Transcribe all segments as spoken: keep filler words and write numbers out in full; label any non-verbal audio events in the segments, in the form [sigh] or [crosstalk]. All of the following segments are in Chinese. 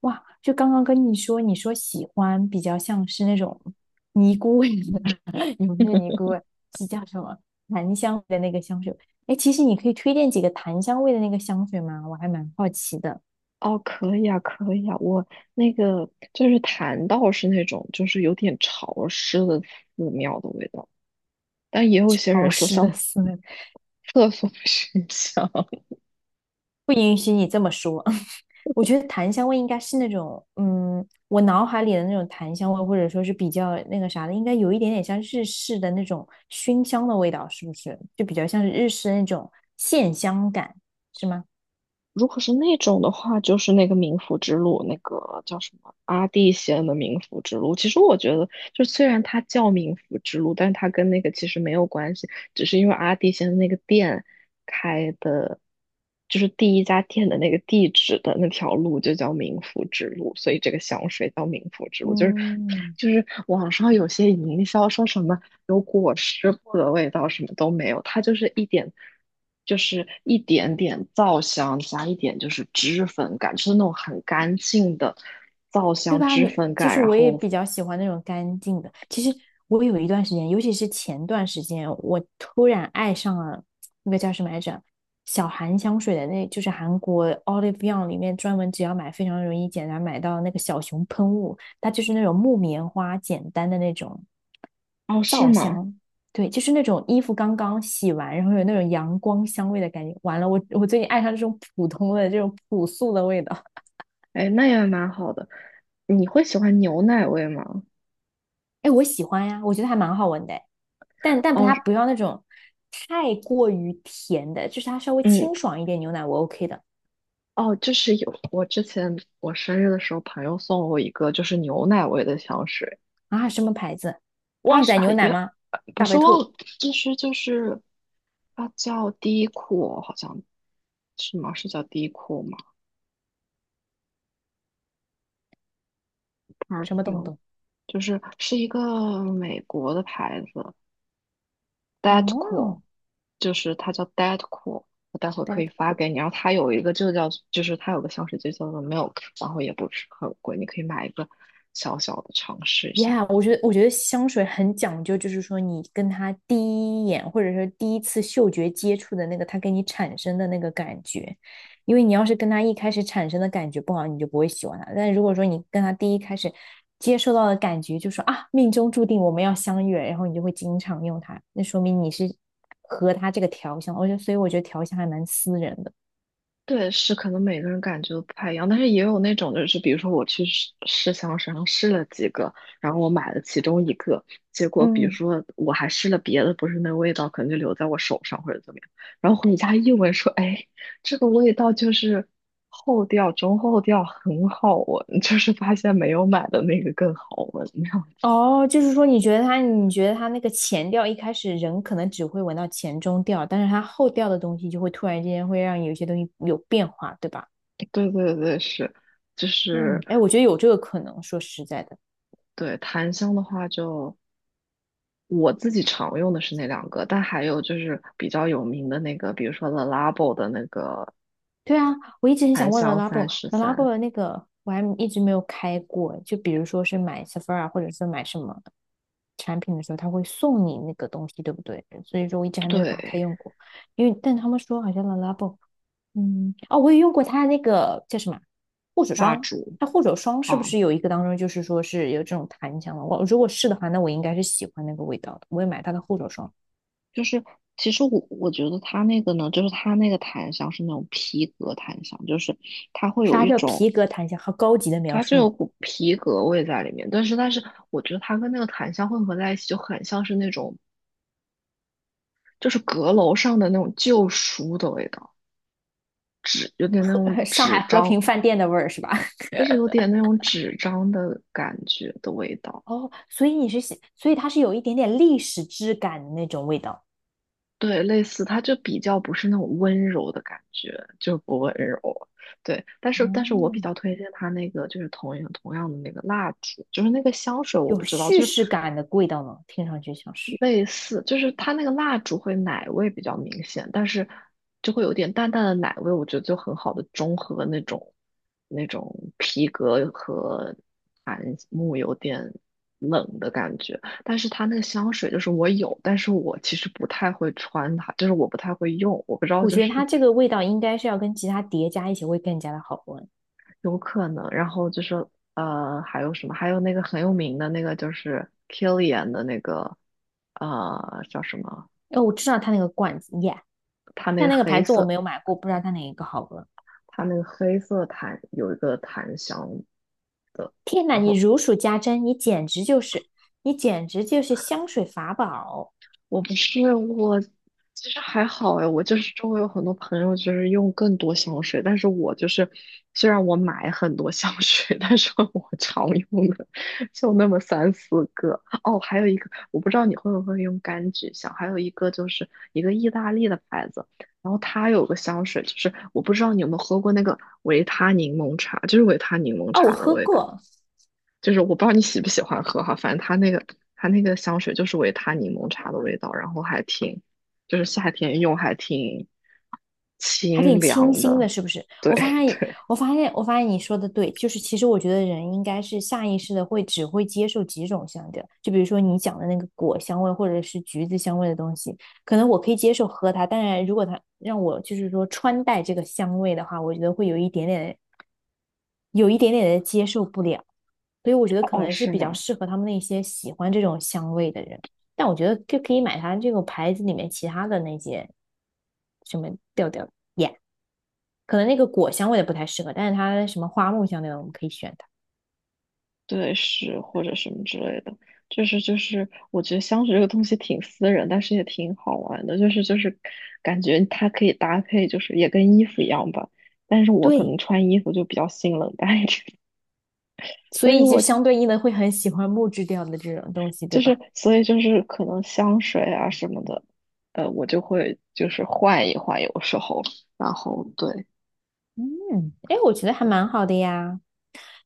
哇，就刚刚跟你说，你说喜欢比较像是那种尼姑味的，[laughs] 也不是尼姑味，是叫什么檀香味的那个香水。哎，其实你可以推荐几个檀香味的那个香水吗？我还蛮好奇的。哦，可以啊，可以啊，我那个就是檀道是那种就是有点潮湿的寺庙的味道，但也有些潮人说湿的像思维，厕所的熏香。[laughs] [laughs] 不允许你这么说。[laughs] 我觉得檀香味应该是那种，嗯，我脑海里的那种檀香味，或者说是比较那个啥的，应该有一点点像日式的那种熏香的味道，是不是？就比较像是日式那种线香感，是吗？如果是那种的话，就是那个冥府之路，那个叫什么阿蒂仙的冥府之路。其实我觉得，就虽然它叫冥府之路，但它跟那个其实没有关系，只是因为阿蒂仙的那个殿。就是第一家店的那个地址的那条路就叫民福之路，所以这个香水叫民福之路。就是嗯，就是网上有些营销说什么有果尸布的味道，什么都没有，它就是一点就是一点点皂香加一点就是脂粉感，就是那种很干净的皂对香吧？脂你粉就感。是然我也后比较喜欢那种干净的。其实我有一段时间，尤其是前段时间，我突然爱上了那个叫什么来着，小韩香水的那，就是韩国 Olive Young 里面专门只要买非常容易简单买到那个小熊喷雾，它就是那种木棉花简单的那种哦，是皂吗？香，对，就是那种衣服刚刚洗完，然后有那种阳光香味的感觉。完了，我我最近爱上这种普通的这种朴素的味道。哎，那也蛮好的。你会喜欢牛奶味吗？哎，我喜欢呀，我觉得还蛮好闻的诶但但不哦，它不要那种太过于甜的，就是它稍微嗯，清爽一点牛奶我 OK 的哦，就是有我之前我生日的时候，朋友送了我一个就是牛奶味的香水，啊。什么牌子？它旺仔是牛很奶也吗？呃不大是白忘了，兔就是就是它叫 Dior，好像是吗？是叫 Dior 吗什么东？Perfume 东？就是是一个美国的牌子 d e a d c o o l 哦，就是它叫 Dettol，a 我待会可大以白发兔。给你。然后它有一个就叫就是它有个香水就叫做 Milk，然后也不是很贵，你可以买一个小小的尝试一下。Yeah，我觉得我觉得香水很讲究，就是说你跟他第一眼，或者说第一次嗅觉接触的那个，他给你产生的那个感觉，因为你要是跟他一开始产生的感觉不好，你就不会喜欢他。但如果说你跟他第一开始接受到的感觉，就说啊，命中注定我们要相遇了然后你就会经常用它，那说明你是和他这个调香。我觉得，所以我觉得调香还蛮私人的。对，是可能每个人感觉都不太一样，但是也有那种就是，比如说我去试试香水上试了几个，然后我买了其中一个，结果比如嗯说我还试了别的，不是那味道可能就留在我手上或者怎么样，然后回家一闻说，哎，这个味道就是后调中后调很好闻，[laughs] 就是发现没有买的那个更好闻，那样。哦，就是说，你觉得它，你觉得它那个前调一开始人可能只会闻到前中调，但是它后调的东西就会突然之间会让有些东西有变化，对吧？[laughs] 对对对，是，就嗯，是哎，我觉得有这个可能。说实在的，对檀香的话就。我自己常用的是那两个，但还有就是比较有名的那个，比如说 The Labo 的那个对啊，我一直很想檀问 香三十 Lalabo，Lalabo 三，的那个我还一直没有开过。就比如说是买 Sephora 或者是买什么产品的时候，他会送你那个东西，对不对？所以说我一直还没有打开对，用过，因为但他们说好像 Lalabo。嗯，哦，我也用过它那个叫什么护手蜡霜，烛它护手霜是不啊，是有一个当中就是说是有这种檀香的？我如果是的话，那我应该是喜欢那个味道的。我也买它的护手霜，就是其实我我觉得它那个呢，就是它那个檀香是那种皮革檀香，就是它会有啥一叫种皮革檀香，好高级的描它就有述，股皮革味在里面，但是但是我觉得它跟那个檀香混合在一起，就很像是那种就是阁楼上的那种旧书的味道，纸有点那种 [laughs] 上海纸和张平饭店的味儿是吧？就是有点那种纸张的感觉的味道，[laughs] 哦，所以你是喜，所以它是有一点点历史质感的那种味道，对，类似，它就比较不是那种温柔的感觉，就不温柔，对。但是，但是我比嗯，较推荐它那个，就是同样同样的那个蜡烛，就是那个香水，我有不知道，叙就是事感的味道呢，听上去像是。类似，就是它那个蜡烛会奶味比较明显，但是就会有点淡淡的奶味，我觉得就很好的中和那种那种皮革和檀木有点冷的感觉。但是它那个香水就是我有，但是我其实不太会穿它，就是我不太会用，我不知道我就觉得是它这个味道应该是要跟其他叠加一起会更加的好闻。有可能。然后就是呃，还有什么？还有那个很有名的那个就是 Kilian 的那个呃叫什么？哦，我知道它那个罐子，耶、它那但个那个黑牌子我色。没有买过，不知道它哪一个好喝。它那个黑色檀有一个檀香的，天哪，然你后如数家珍，你简直就是，你简直就是香水法宝我不是我，其实还好哎，我就是周围有很多朋友就是用更多香水，但是我就是虽然我买很多香水，但是 [laughs] 我常用的就那么三四个。哦，还有一个我不知道你会不会用柑橘香，还有一个就是一个意大利的牌子。然后它有个香水，就是我不知道你有没有喝过那个维他柠檬茶，就是维他柠檬哦！我茶的喝味道。过，就是我不知道你喜不喜欢喝哈，反正它那个它那个香水就是维他柠檬茶的味道，然后还挺，就是夏天用还挺还挺清清凉新的。的，是不是？对 我 [laughs] 发现，对，我发现，我发现你说的对，就是其实我觉得人应该是下意识的会只会接受几种香调，就比如说你讲的那个果香味或者是橘子香味的东西，可能我可以接受喝它，但是如果它让我就是说穿戴这个香味的话，我觉得会有一点点，有一点点的接受不了，所以我觉得可哦，能是是比较吗？适合他们那些喜欢这种香味的人，但我觉得就可以买它这个牌子里面其他的那些什么调调。耶、可能那个果香味的不太适合，但是它什么花木香那种我们可以选它。对，是或者什么之类的，就是就是，我觉得香水这个东西挺私人，但是也挺好玩的，就是就是感觉它可以搭配，就是也跟衣服一样吧。但是我可对，能穿衣服就比较性冷淡一点，[laughs] 所所以以就我就相对应的会很喜欢木质调的这种东西，就对吧？是所以就是可能香水啊什么的，呃，我就会就是换一换，有时候，然后对，嗯，哎，我觉得还蛮好的呀。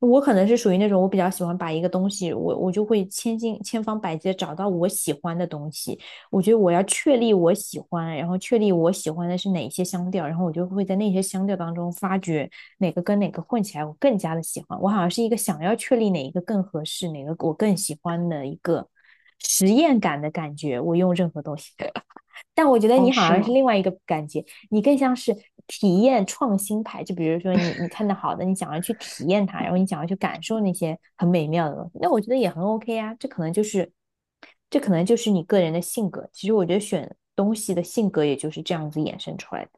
我可能是属于那种，我比较喜欢把一个东西，我我就会千金千方百计的找到我喜欢的东西。我觉得我要确立我喜欢，然后确立我喜欢的是哪些香调，然后我就会在那些香调当中发掘哪个跟哪个混起来我更加的喜欢。我好像是一个想要确立哪一个更合适，哪个我更喜欢的一个实验感的感觉。我用任何东西。[laughs] 但我觉得哦，你好是像是吗？另外一个感觉，你更像是体验创新派。就比如说你你看到好的，你想要去体验它，然后你想要去感受那些很美妙的东西，那我觉得也很 OK 啊。这可能就是这可能就是你个人的性格。其实我觉得选东西的性格也就是这样子衍生出来的。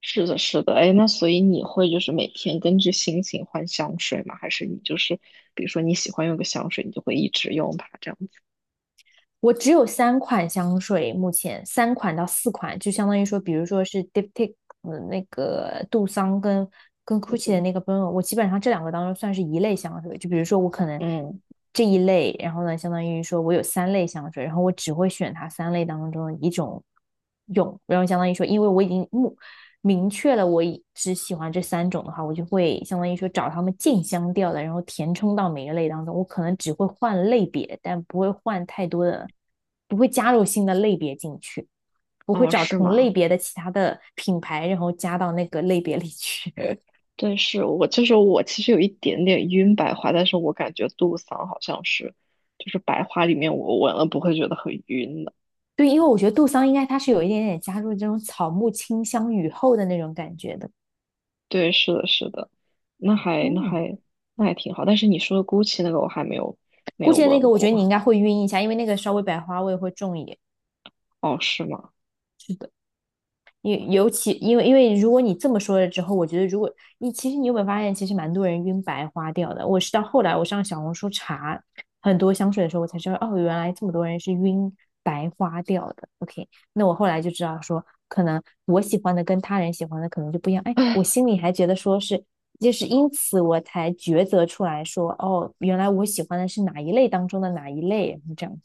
是的，是的，哎，那所以你会就是每天根据心情换香水吗？还是你就是比如说你喜欢用个香水，你就会一直用它这样子？我只有三款香水，目前三款到四款，就相当于说，比如说是 Diptyque 那个杜桑跟跟 Gucci 的那个 b 用，n 我基本上这两个当中算是一类香水。就比如说我可能嗯，这一类，然后呢，相当于说我有三类香水，然后我只会选它三类当中的一种用，然后相当于说，因为我已经目明确了我只喜欢这三种的话，我就会相当于说找他们竞相调的，然后填充到每个类当中。我可能只会换类别，但不会换太多的，不会加入新的类别进去。我会哦，找是同类吗？别的其他的品牌，然后加到那个类别里去。[laughs] 对，是我就是我其实有一点点晕白花，但是我感觉杜桑好像是就是白花里面我闻了不会觉得很晕的。对，因为我觉得杜桑应该它是有一点点加入这种草木清香雨后的那种感觉的。对，是的，是的，那还那嗯，还那还挺好。但是你说的 Gucci 那个我还没有没估有计那个闻我觉得你应过。该会晕一下，因为那个稍微百花味会重一点。哦，是吗？是的。因尤其因为因为如果你这么说了之后，我觉得如果你其实你有没有发现，其实蛮多人晕白花掉的。我是到后来我上小红书查很多香水的时候，我才知道哦，原来这么多人是晕白花掉的。OK,那我后来就知道说，可能我喜欢的跟他人喜欢的可能就不一样。哎，我心里还觉得说是，就是因此我才抉择出来说，哦，原来我喜欢的是哪一类当中的哪一类，这样。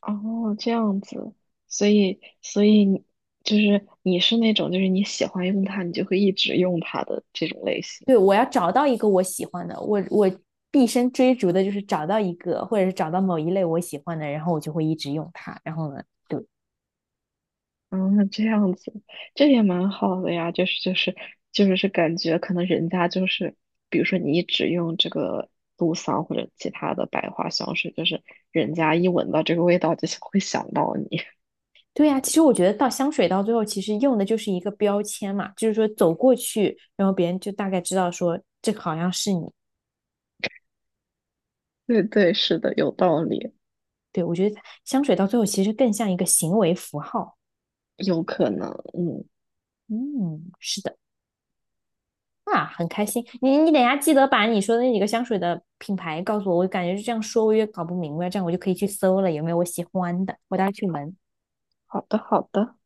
哦，这样子，所以所以你就是你是那种就是你喜欢用它，你就会一直用它的这种类型。对，我要找到一个我喜欢的，我我毕生追逐的就是找到一个，或者是找到某一类我喜欢的，然后我就会一直用它。然后呢，对嗯，这样子，这也蛮好的呀。就是就是就是是感觉可能人家就是，比如说你一直用这个杜桑或者其他的百花香水，就是人家一闻到这个味道就想会想到你。对呀、其实我觉得到香水到最后，其实用的就是一个标签嘛，就是说走过去，然后别人就大概知道说这个好像是你。对对，是的，有道理，对，我觉得香水到最后其实更像一个行为符号。有可能。嗯，嗯，是的。啊，很开心。你你等一下记得把你说的那几个香水的品牌告诉我，我感觉这样说我也搞不明白，这样我就可以去搜了，有没有我喜欢的，我待会去闻。好的好的。